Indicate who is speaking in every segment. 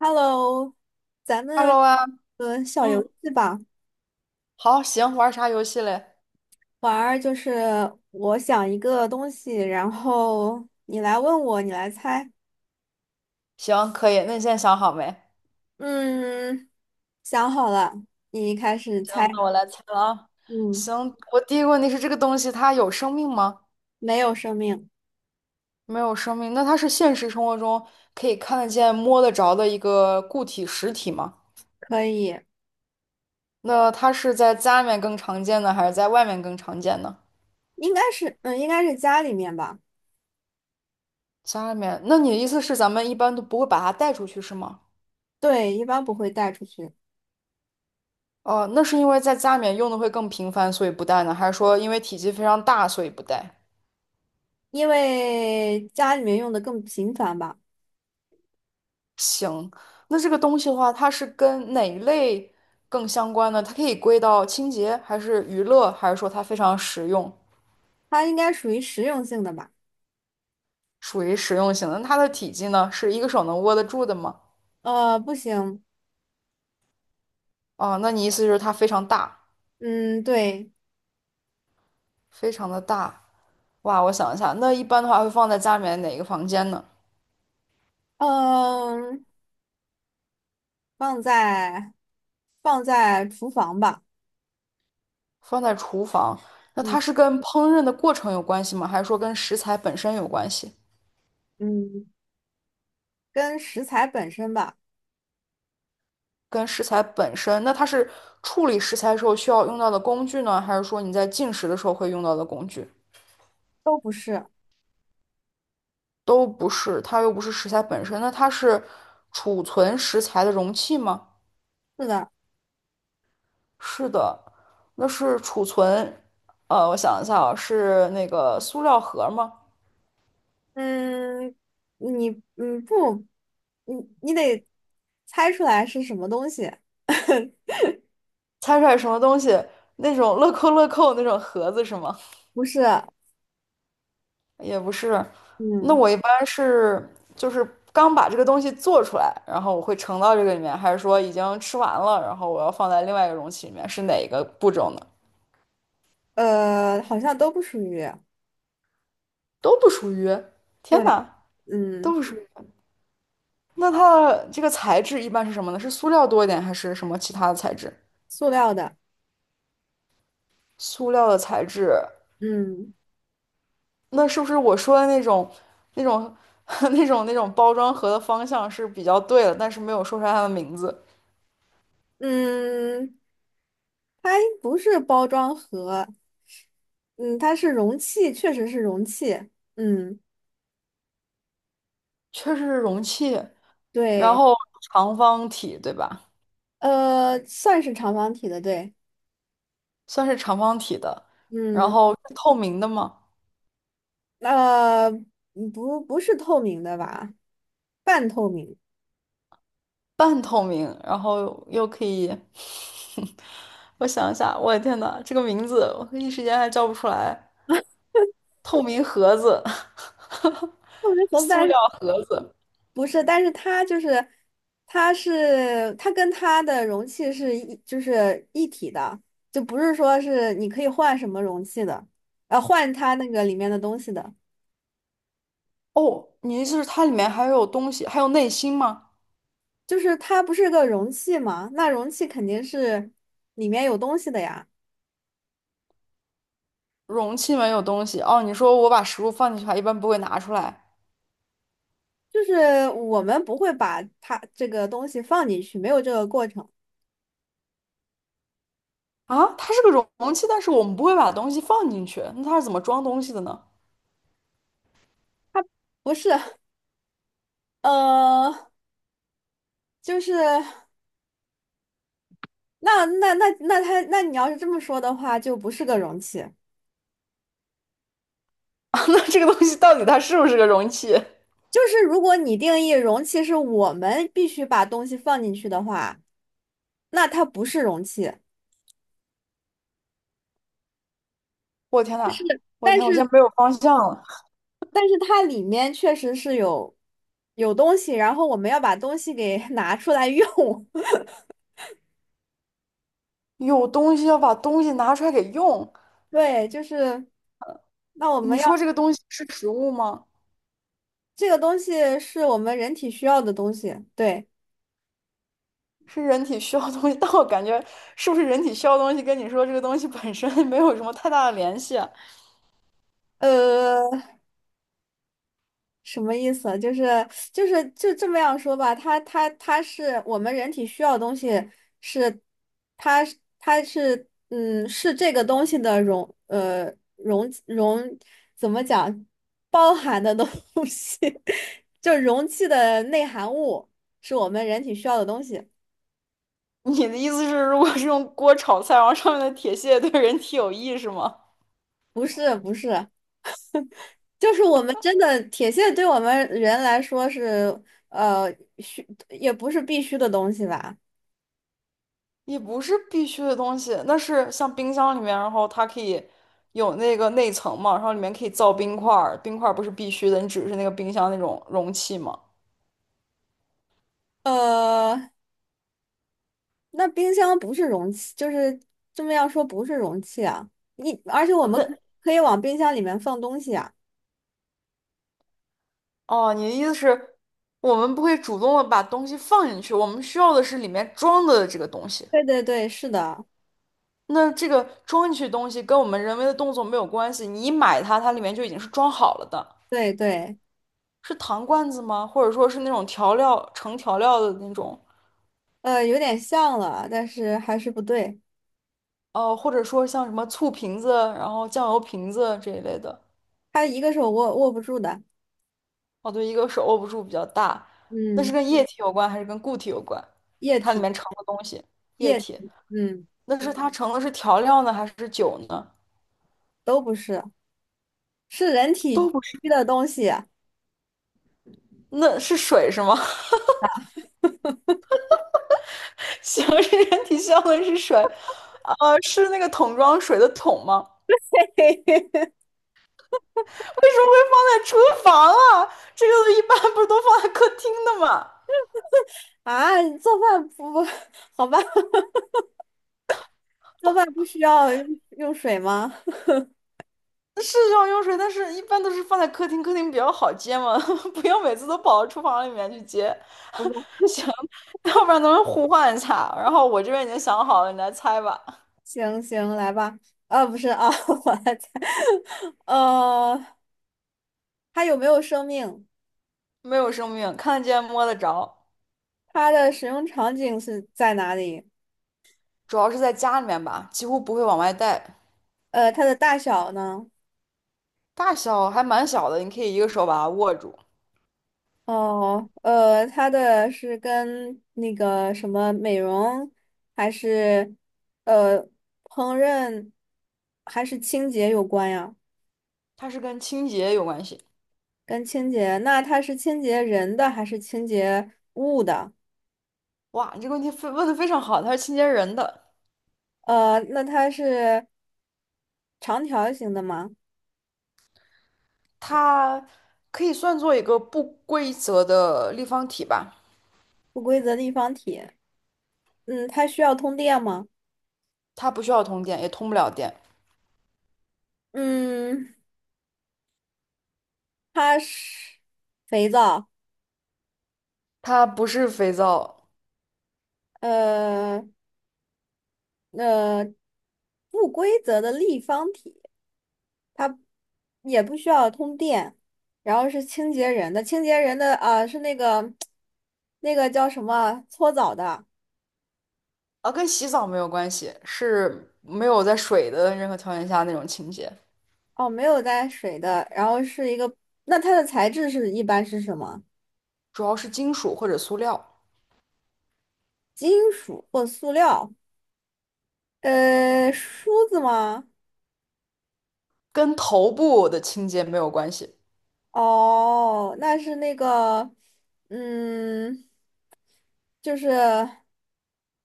Speaker 1: Hello,咱们
Speaker 2: Hello 啊。
Speaker 1: 小游
Speaker 2: 嗯，
Speaker 1: 戏吧，
Speaker 2: 好，行，玩啥游戏嘞？
Speaker 1: 玩儿就是我想一个东西，然后你来问我，你来猜。
Speaker 2: 行，可以，那你现在想好没？
Speaker 1: 嗯，想好了，你开始猜。
Speaker 2: 行，那我来猜了啊。
Speaker 1: 嗯，
Speaker 2: 行，我第一个问题是这个东西它有生命吗？
Speaker 1: 没有生命，
Speaker 2: 没有生命，那它是现实生活中可以看得见、摸得着的一个固体实体吗？
Speaker 1: 可以，
Speaker 2: 那它是在家里面更常见呢，还是在外面更常见呢？
Speaker 1: 应该是家里面吧。
Speaker 2: 家里面，那你的意思是咱们一般都不会把它带出去是吗？
Speaker 1: 对，一般不会带出去，
Speaker 2: 哦，那是因为在家里面用的会更频繁，所以不带呢，还是说因为体积非常大，所以不带？
Speaker 1: 因为家里面用的更频繁吧。
Speaker 2: 行，那这个东西的话，它是跟哪一类更相关呢？它可以归到清洁，还是娱乐，还是说它非常实用，
Speaker 1: 它应该属于实用性的吧？
Speaker 2: 属于实用型的？那它的体积呢，是一个手能握得住的吗？
Speaker 1: 不行，
Speaker 2: 哦，那你意思就是它非常大，
Speaker 1: 嗯，对，
Speaker 2: 非常的大。哇，我想一下，那一般的话会放在家里面哪个房间呢？
Speaker 1: 嗯、放在放在厨房吧，
Speaker 2: 放在厨房。那
Speaker 1: 嗯
Speaker 2: 它是跟烹饪的过程有关系吗？还是说跟食材本身有关系？
Speaker 1: 嗯，跟食材本身吧，
Speaker 2: 跟食材本身，那它是处理食材时候需要用到的工具呢，还是说你在进食的时候会用到的工具？
Speaker 1: 都不是，
Speaker 2: 都不是，它又不是食材本身，那它是储存食材的容器吗？
Speaker 1: 是的，
Speaker 2: 是的，那是储存。我想一下啊，是那个塑料盒吗？
Speaker 1: 嗯，你不，你你得猜出来是什么东西，
Speaker 2: 猜出来什么东西？那种乐扣乐扣那种盒子是吗？
Speaker 1: 不是，
Speaker 2: 也不是，那
Speaker 1: 嗯
Speaker 2: 我一般是就是刚把这个东西做出来，然后我会盛到这个里面，还是说已经吃完了，然后我要放在另外一个容器里面，是哪个步骤呢？
Speaker 1: 好像都不属于，
Speaker 2: 都不属于。天
Speaker 1: 对，
Speaker 2: 哪，都
Speaker 1: 嗯，
Speaker 2: 不属于。那它的这个材质一般是什么呢？是塑料多一点，还是什么其他的材质？
Speaker 1: 塑料的，
Speaker 2: 塑料的材质，
Speaker 1: 嗯
Speaker 2: 那是不是我说的那种、那种、那种、那种包装盒的方向是比较对的，但是没有说出来它的名字？
Speaker 1: 嗯，它不是包装盒，嗯，它是容器，确实是容器，嗯，
Speaker 2: 确实是容器，然
Speaker 1: 对。
Speaker 2: 后长方体，对吧？
Speaker 1: 算是长方体的，对，
Speaker 2: 算是长方体的，然
Speaker 1: 嗯，
Speaker 2: 后是透明的吗？
Speaker 1: 不，不是透明的吧？半透明，
Speaker 2: 半透明，然后又可以，我想一下，我的天呐，这个名字我一时间还叫不出来。透明盒子，
Speaker 1: 透明盒子，
Speaker 2: 塑
Speaker 1: 但是
Speaker 2: 料盒子。
Speaker 1: 不是？但是它就是，它跟它的容器是一体的，就不是说是你可以换什么容器的，换它那个里面的东西的，
Speaker 2: 哦，你意思是它里面还有东西，还有内心吗？
Speaker 1: 就是它不是个容器嘛？那容器肯定是里面有东西的呀，
Speaker 2: 容器没有东西。哦，你说我把食物放进去，它一般不会拿出来。
Speaker 1: 就是我们不会把它这个东西放进去，没有这个过程。
Speaker 2: 啊，它是个容器，但是我们不会把东西放进去，那它是怎么装东西的呢？
Speaker 1: 不是，呃，就是那那那那它那你要是这么说的话，就不是个容器。
Speaker 2: 啊，那这个东西到底它是不是个容器？
Speaker 1: 就是如果你定义容器是我们必须把东西放进去的话，那它不是容器。
Speaker 2: 我天呐，我
Speaker 1: 但
Speaker 2: 天，我现
Speaker 1: 是
Speaker 2: 在没有方向了。
Speaker 1: 但是它里面确实是有东西，然后我们要把东西给 拿出来用。
Speaker 2: 有东西要把东西拿出来给用，
Speaker 1: 对，就是那我们
Speaker 2: 你
Speaker 1: 要
Speaker 2: 说这个东西是食物吗？
Speaker 1: 这个东西是我们人体需要的东西。对，
Speaker 2: 是人体需要的东西，但我感觉是不是人体需要的东西跟你说这个东西本身没有什么太大的联系啊。
Speaker 1: 呃。什么意思啊就这么样说吧，它是我们人体需要的东西是，它是是这个东西的容呃容容怎么讲包含的东西，就容器的内含物是我们人体需要的东西，
Speaker 2: 你的意思是，如果是用锅炒菜，然后上面的铁屑对人体有益是吗？
Speaker 1: 不是，就是我们真的铁线对我们人来说是呃需也不是必须的东西吧。
Speaker 2: 也不是必须的东西，那是像冰箱里面，然后它可以有那个内层嘛，然后里面可以造冰块儿，冰块儿不是必须的，你只是那个冰箱那种容器嘛。
Speaker 1: 呃，那冰箱不是容器，就是这么要说不是容器啊。你而且我们可
Speaker 2: 对，
Speaker 1: 可以往冰箱里面放东西啊。
Speaker 2: 哦，你的意思是，我们不会主动的把东西放进去，我们需要的是里面装的这个东西。
Speaker 1: 对，是的，
Speaker 2: 那这个装进去的东西跟我们人为的动作没有关系，你一买它，它里面就已经是装好了的，
Speaker 1: 对对，
Speaker 2: 是糖罐子吗？或者说是那种调料盛调料的那种？
Speaker 1: 有点像了，但是还是不对。
Speaker 2: 哦，或者说像什么醋瓶子，然后酱油瓶子这一类的。
Speaker 1: 它一个是我握不住的，
Speaker 2: 哦，对，一个是握不住比较大，那
Speaker 1: 嗯，
Speaker 2: 是跟液体有关还是跟固体有关？
Speaker 1: 液
Speaker 2: 它里
Speaker 1: 体
Speaker 2: 面盛的东西，液
Speaker 1: 液
Speaker 2: 体，
Speaker 1: 体，嗯，
Speaker 2: 那是它盛的是调料呢，还是酒呢？
Speaker 1: 都不是，是人体
Speaker 2: 都不是，
Speaker 1: 区的东西啊。
Speaker 2: 那是水是吗？行，是人体需要的是水。是那个桶装水的桶吗？为什么会放在厨房啊？这个一般不是都放在客厅的吗？
Speaker 1: 啊，做饭不不，好吧，做饭不需要用水吗？
Speaker 2: 是要用水，但是一般都是放在客厅，客厅比较好接嘛，不要每次都跑到厨房里面去接。行，要不然咱们互换一下。然后我这边已经想好了，你来猜吧。
Speaker 1: 行，来吧。啊，不是啊，我来猜，呃，它有没有生命？
Speaker 2: 没有生命，看得见摸得着，
Speaker 1: 它的使用场景是在哪里？
Speaker 2: 主要是在家里面吧，几乎不会往外带，
Speaker 1: 呃，它的大小呢？
Speaker 2: 大小还蛮小的，你可以一个手把它握住。
Speaker 1: 哦，呃，它的是跟那个什么美容，还是呃烹饪，还是清洁有关呀？
Speaker 2: 它是跟清洁有关系。
Speaker 1: 跟清洁，那它是清洁人的还是清洁物的？
Speaker 2: 哇，你这个问题非问的非常好，它是清洁人的，
Speaker 1: 呃，那它是长条形的吗？
Speaker 2: 它可以算作一个不规则的立方体吧。
Speaker 1: 不规则立方体。嗯，它需要通电吗？
Speaker 2: 它不需要通电，也通不了电。
Speaker 1: 嗯，它是肥皂，
Speaker 2: 它不是肥皂
Speaker 1: 呃呃，不规则的立方体，它也不需要通电，然后是清洁人的，清洁人的啊、是那个那个叫什么啊搓澡的
Speaker 2: 啊，跟洗澡没有关系，是没有在水的任何条件下那种清洁，
Speaker 1: 哦，没有带水的，然后是一个，那它的材质是一般是什么？
Speaker 2: 主要是金属或者塑料，
Speaker 1: 金属或塑料？呃，梳子吗？
Speaker 2: 跟头部的清洁没有关系。
Speaker 1: 哦，那是那个，嗯，就是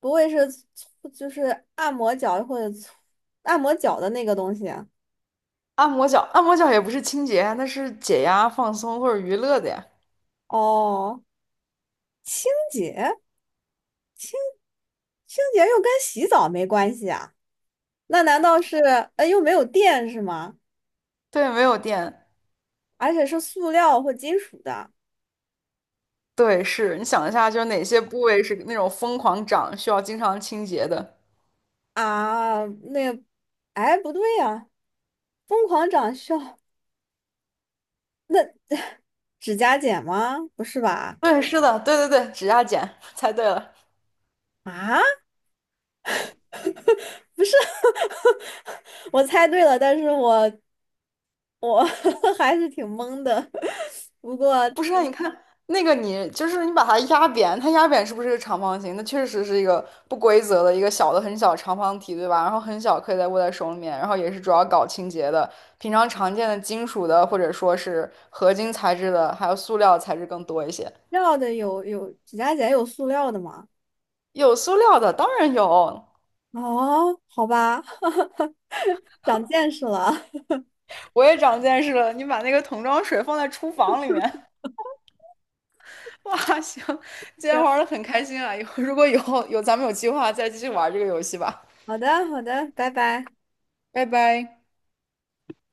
Speaker 1: 不会是搓就是按摩脚或者搓按摩脚的那个东西啊
Speaker 2: 按摩脚，按摩脚也不是清洁啊，那是解压、放松或者娱乐的呀。
Speaker 1: 哦，清洁，清洁又跟洗澡没关系啊？那难道是，呃，又没有电是吗？
Speaker 2: 对，没有电。
Speaker 1: 而且是塑料或金属的
Speaker 2: 对，是你想一下，就是哪些部位是那种疯狂长，需要经常清洁的？
Speaker 1: 啊？那，哎，不对呀、疯狂长笑，那指甲剪吗？不是吧？
Speaker 2: 对，是的，对对对，指甲剪，猜对了。
Speaker 1: 啊？不是，我猜对了，但是我 还是挺懵的。不过
Speaker 2: 不是啊，你看那个你，就是你把它压扁，它压扁是不是一个长方形？那确实是一个不规则的一个小的很小的长方体，对吧？然后很小，可以在握在手里面，然后也是主要搞清洁的。平常常见的金属的，或者说是合金材质的，还有塑料材质更多一些。
Speaker 1: 绕的有指甲剪有塑料的吗？
Speaker 2: 有塑料的，当然有。
Speaker 1: 哦，好吧，长见识了。
Speaker 2: 我也长见识了，你把那个桶装水放在厨房里面，哇，行，今天
Speaker 1: 行，
Speaker 2: 玩的很开心啊！以后如果以后有咱们有计划，再继续玩这个游戏吧。
Speaker 1: 好的，好的，拜拜。
Speaker 2: 拜拜。